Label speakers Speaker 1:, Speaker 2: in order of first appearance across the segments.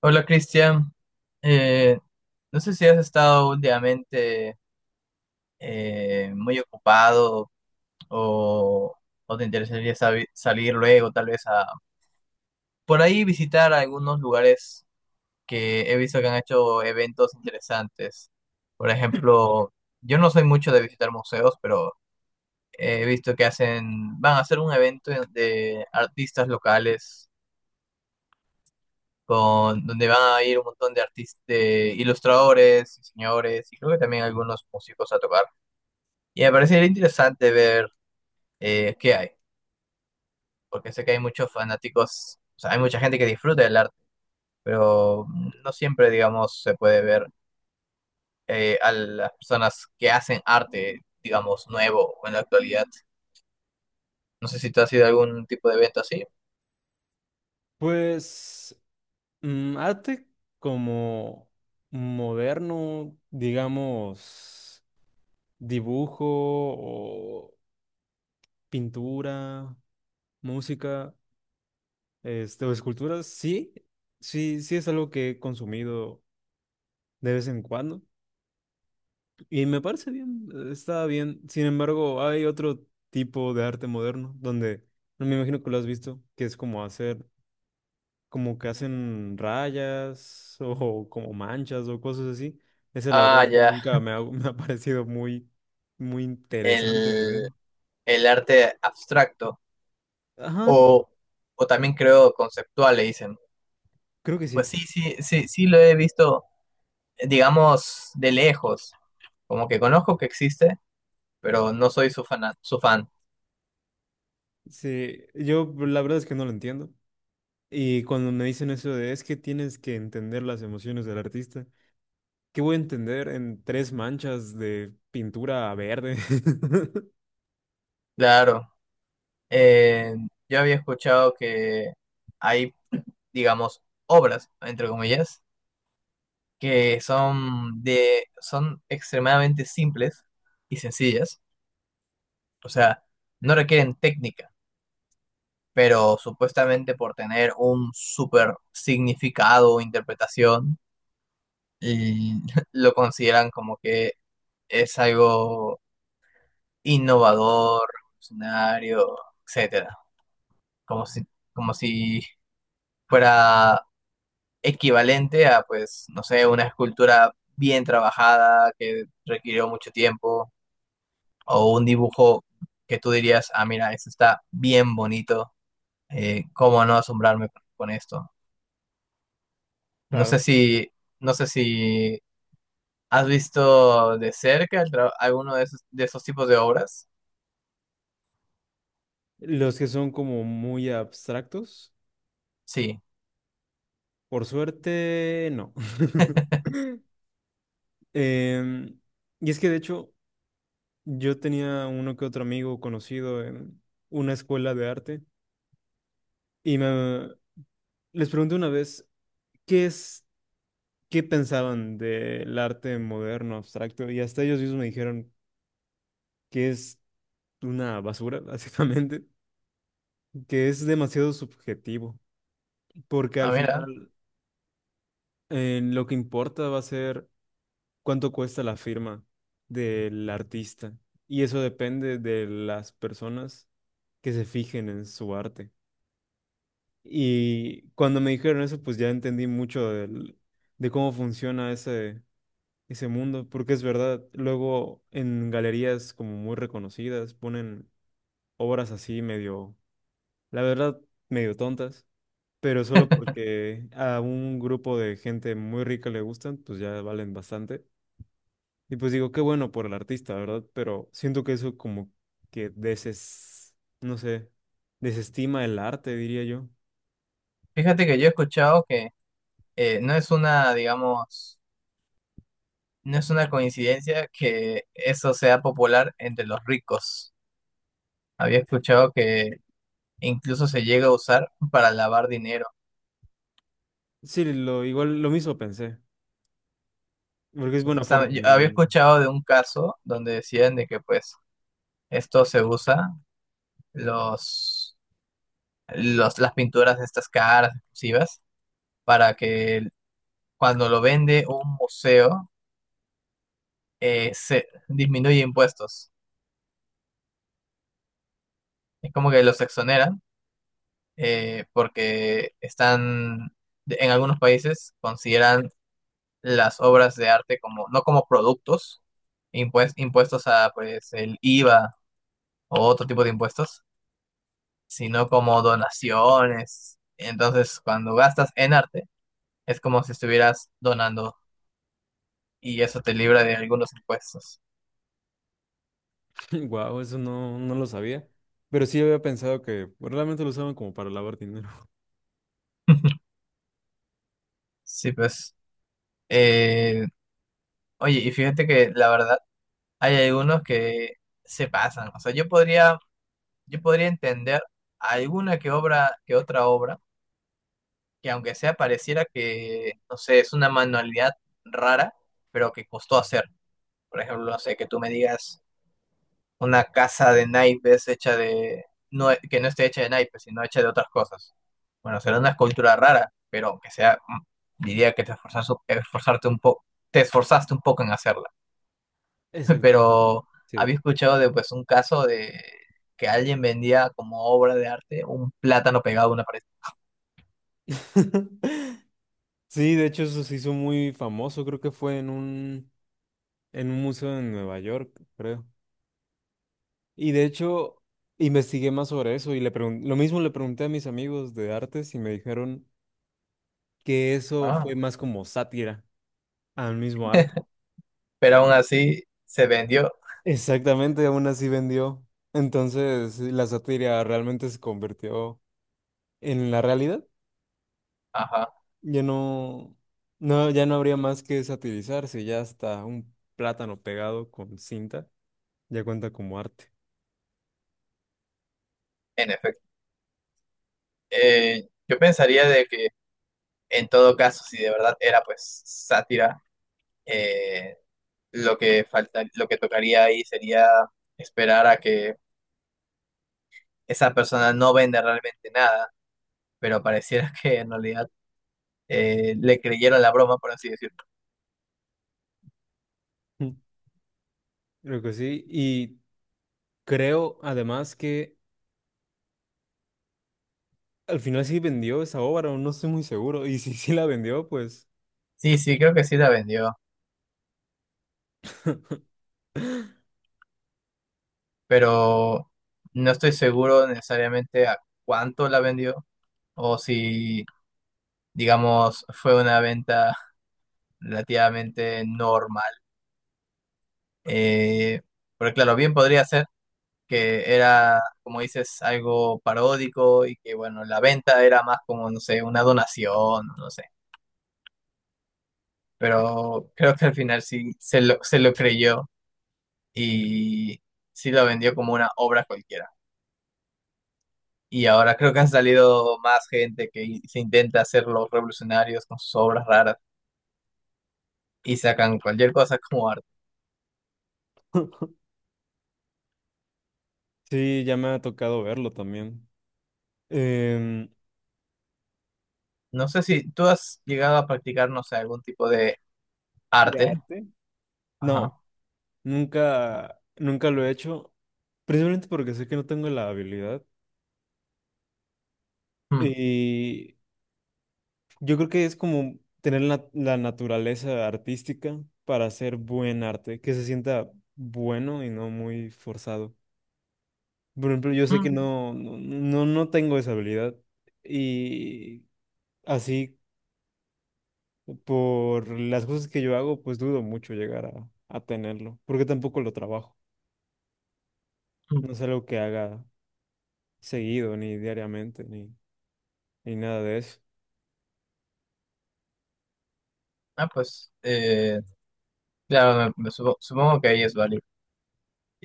Speaker 1: Hola Cristian. Eh, no sé si has estado últimamente muy ocupado o, o te interesaría salir luego tal vez a por ahí visitar algunos lugares que he visto que han hecho eventos interesantes. Por ejemplo, yo no soy mucho de visitar museos, pero he visto que hacen, van a hacer un evento de artistas locales con, donde van a ir un montón de artistas, de ilustradores, diseñadores y creo que también algunos músicos a tocar. Y me parecería interesante ver qué hay, porque sé que hay muchos fanáticos, o sea, hay mucha gente que disfruta del arte, pero no siempre, digamos, se puede ver a las personas que hacen arte, digamos, nuevo o en la actualidad. No sé si tú has ido a algún tipo de evento así.
Speaker 2: Pues arte como moderno, digamos, dibujo o pintura, música, o esculturas, sí, sí, sí es algo que he consumido de vez en cuando y me parece bien, está bien. Sin embargo, hay otro tipo de arte moderno donde, no me imagino que lo has visto, que es como hacer como que hacen rayas o como manchas o cosas así. Esa la verdad
Speaker 1: Ah,
Speaker 2: es que
Speaker 1: ya,
Speaker 2: nunca me ha, me ha parecido muy, muy interesante de ver.
Speaker 1: el, el arte abstracto
Speaker 2: Ajá,
Speaker 1: o, o también creo conceptual, le dicen.
Speaker 2: creo que
Speaker 1: Pues
Speaker 2: sí.
Speaker 1: sí, sí, sí, sí lo he visto, digamos, de lejos. Como que conozco que existe, pero no soy su fan, su fan.
Speaker 2: Sí, yo la verdad es que no lo entiendo. Y cuando me dicen eso de es que tienes que entender las emociones del artista, ¿qué voy a entender en tres manchas de pintura verde?
Speaker 1: Claro. Eh, yo había escuchado que hay, digamos, obras, entre comillas, que son de, son extremadamente simples y sencillas. O sea, no requieren técnica, pero supuestamente por tener un super significado o interpretación, l- lo consideran como que es algo innovador, revolucionario, etcétera. Como si, como si fuera equivalente a, pues, no sé, una escultura bien trabajada que requirió mucho tiempo o un dibujo que tú dirías, ah, mira, esto está bien bonito, ¿cómo no asombrarme con esto? No sé
Speaker 2: Claro.
Speaker 1: si, no sé si has visto de cerca el alguno de esos tipos de obras.
Speaker 2: Los que son como muy abstractos,
Speaker 1: Sí,
Speaker 2: por suerte, no. Em, y es que de hecho yo tenía uno que otro amigo conocido en una escuela de arte y me, les pregunté una vez qué es, qué pensaban del arte moderno, abstracto y hasta ellos mismos me dijeron que es una basura, básicamente, que es demasiado subjetivo, porque
Speaker 1: ah,
Speaker 2: al
Speaker 1: mira.
Speaker 2: final lo que importa va a ser cuánto cuesta la firma del artista y eso depende de las personas que se fijen en su arte. Y cuando me dijeron eso, pues ya entendí mucho de cómo funciona ese mundo, porque es verdad, luego en galerías como muy reconocidas ponen obras así medio, la verdad, medio tontas, pero solo porque a un grupo de gente muy rica le gustan, pues ya valen bastante. Y pues digo, qué bueno por el artista, ¿verdad? Pero siento que eso como que no sé, desestima el arte, diría yo.
Speaker 1: Fíjate que yo he escuchado que no es una, digamos, no es una coincidencia que eso sea popular entre los ricos. Había escuchado que incluso se llega a usar para lavar dinero.
Speaker 2: Sí, igual lo mismo pensé, porque es buena forma de
Speaker 1: Supuestamente, yo había
Speaker 2: lavar.
Speaker 1: escuchado de un caso donde decían de que pues esto se usa, los, los, las pinturas de estas caras exclusivas, para que cuando lo vende un museo se disminuye impuestos. Es como que los exoneran porque están, en algunos países consideran las obras de arte como, no como productos, impuestos a pues el IVA o otro tipo de impuestos, sino como donaciones. Entonces, cuando gastas en arte, es como si estuvieras donando y eso te libra de algunos impuestos.
Speaker 2: Wow, eso no lo sabía, pero sí había pensado que realmente lo usaban como para lavar dinero.
Speaker 1: Sí, pues. eh, oye, y fíjate que la verdad hay algunos que se pasan. O sea, yo podría entender alguna que obra, que otra obra, que aunque sea pareciera que, no sé, es una manualidad rara, pero que costó hacer. Por ejemplo, no sé, que tú me digas una casa de naipes hecha de, no, que no esté hecha de naipes, sino hecha de otras cosas. Bueno, será una escultura rara, pero que sea, diría que te esforzaste, esforzarte un poco, te esforzaste un poco en hacerla.
Speaker 2: Exactamente.
Speaker 1: pero
Speaker 2: Sí.
Speaker 1: había escuchado de pues un caso de que alguien vendía como obra de arte un plátano pegado a una pared.
Speaker 2: Sí, de hecho eso se hizo muy famoso, creo que fue en en un museo en Nueva York, creo. Y de hecho investigué más sobre eso y le lo mismo le pregunté a mis amigos de artes y me dijeron que eso fue
Speaker 1: Ah.
Speaker 2: más como sátira al mismo arte.
Speaker 1: Pero aún así se vendió.
Speaker 2: Exactamente, aún así vendió. Entonces, la sátira realmente se convirtió en la realidad.
Speaker 1: Ajá,
Speaker 2: Ya no, no, ya no habría más que satirizarse, ya hasta un plátano pegado con cinta ya cuenta como arte.
Speaker 1: en efecto. Yo pensaría de que en todo caso, si de verdad era pues sátira, eh, lo que falta, lo que tocaría ahí sería esperar a que esa persona no venda realmente nada, pero pareciera que en realidad le creyeron la broma, por así decirlo.
Speaker 2: Mm. Creo que sí. Y creo además que al final sí vendió esa obra, o no estoy muy seguro. Y si sí la vendió, pues
Speaker 1: Sí, sí, creo que sí la vendió. Pero no estoy seguro necesariamente a cuánto la vendió o si, digamos, fue una venta relativamente normal. Eh, pero claro, bien podría ser que era, como dices, algo paródico y que, bueno, la venta era más como, no sé, una donación, no sé. Pero creo que al final sí se lo creyó y sí lo vendió como una obra cualquiera. Y ahora creo que han salido más gente que se intenta hacer los revolucionarios con sus obras raras y sacan cualquier cosa como arte.
Speaker 2: sí, ya me ha tocado verlo también. Em,
Speaker 1: No sé si tú has llegado a practicar, no sé, algún tipo de
Speaker 2: ¿de
Speaker 1: arte.
Speaker 2: arte? No,
Speaker 1: Ajá.
Speaker 2: nunca lo he hecho. Principalmente porque sé que no tengo la habilidad
Speaker 1: Mm,
Speaker 2: y yo creo que es como tener la naturaleza artística para hacer buen arte, que se sienta bueno y no muy forzado. Por ejemplo, yo sé que
Speaker 1: mm,
Speaker 2: no tengo esa habilidad y así por las cosas que yo hago, pues dudo mucho llegar a tenerlo, porque tampoco lo trabajo.
Speaker 1: mm.
Speaker 2: No es algo que haga seguido, ni diariamente, ni nada de eso.
Speaker 1: Ah, pues, claro, supongo que ahí es válido.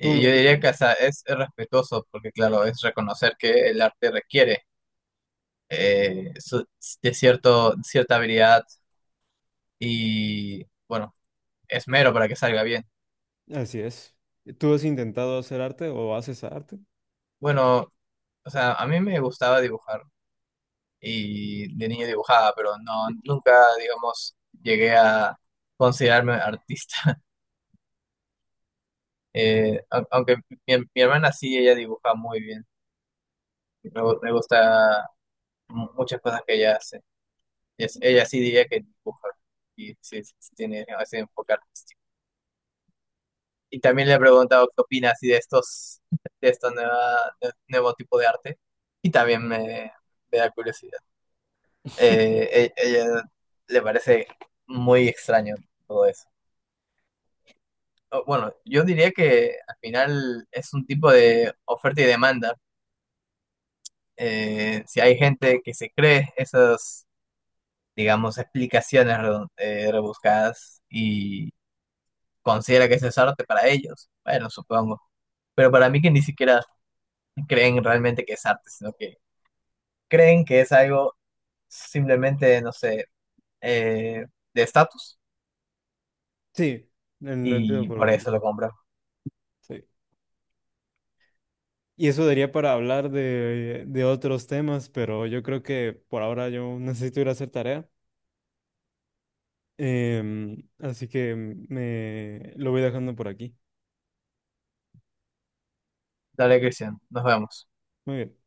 Speaker 2: ¿Tú lo
Speaker 1: yo
Speaker 2: has hecho?
Speaker 1: diría que hasta es respetuoso, porque claro, es reconocer que el arte requiere eh, su- de cierto, cierta habilidad y, bueno, esmero para que salga bien.
Speaker 2: Así es. ¿Tú has intentado hacer arte o haces arte?
Speaker 1: Bueno, o sea, a mí me gustaba dibujar y de niño dibujaba, pero no, nunca, digamos, llegué a considerarme artista. Aunque mi hermana sí, ella dibuja muy bien. Me gusta muchas cosas que ella hace. Y ella sí diría que dibuja y sí, sí tiene ese enfoque artístico. Y también le he preguntado qué opina así de estos, de estos nuevo tipo de arte. Y también me da curiosidad. Ella le parece muy extraño todo eso. Bueno, yo diría que al final es un tipo de oferta y demanda. Si hay gente que se cree esas, digamos, explicaciones rebuscadas y considera que eso es arte para ellos, bueno, supongo. Pero para mí que ni siquiera creen realmente que es arte, sino que creen que es algo simplemente, no sé, eh, de estatus
Speaker 2: Sí, lo entiendo
Speaker 1: y
Speaker 2: por
Speaker 1: por eso
Speaker 2: completo.
Speaker 1: lo compran.
Speaker 2: Sí. Y eso daría para hablar de otros temas, pero yo creo que por ahora yo necesito ir a hacer tarea. Em, así que me lo voy dejando por aquí.
Speaker 1: Dale, Cristian, nos vemos.
Speaker 2: Muy bien.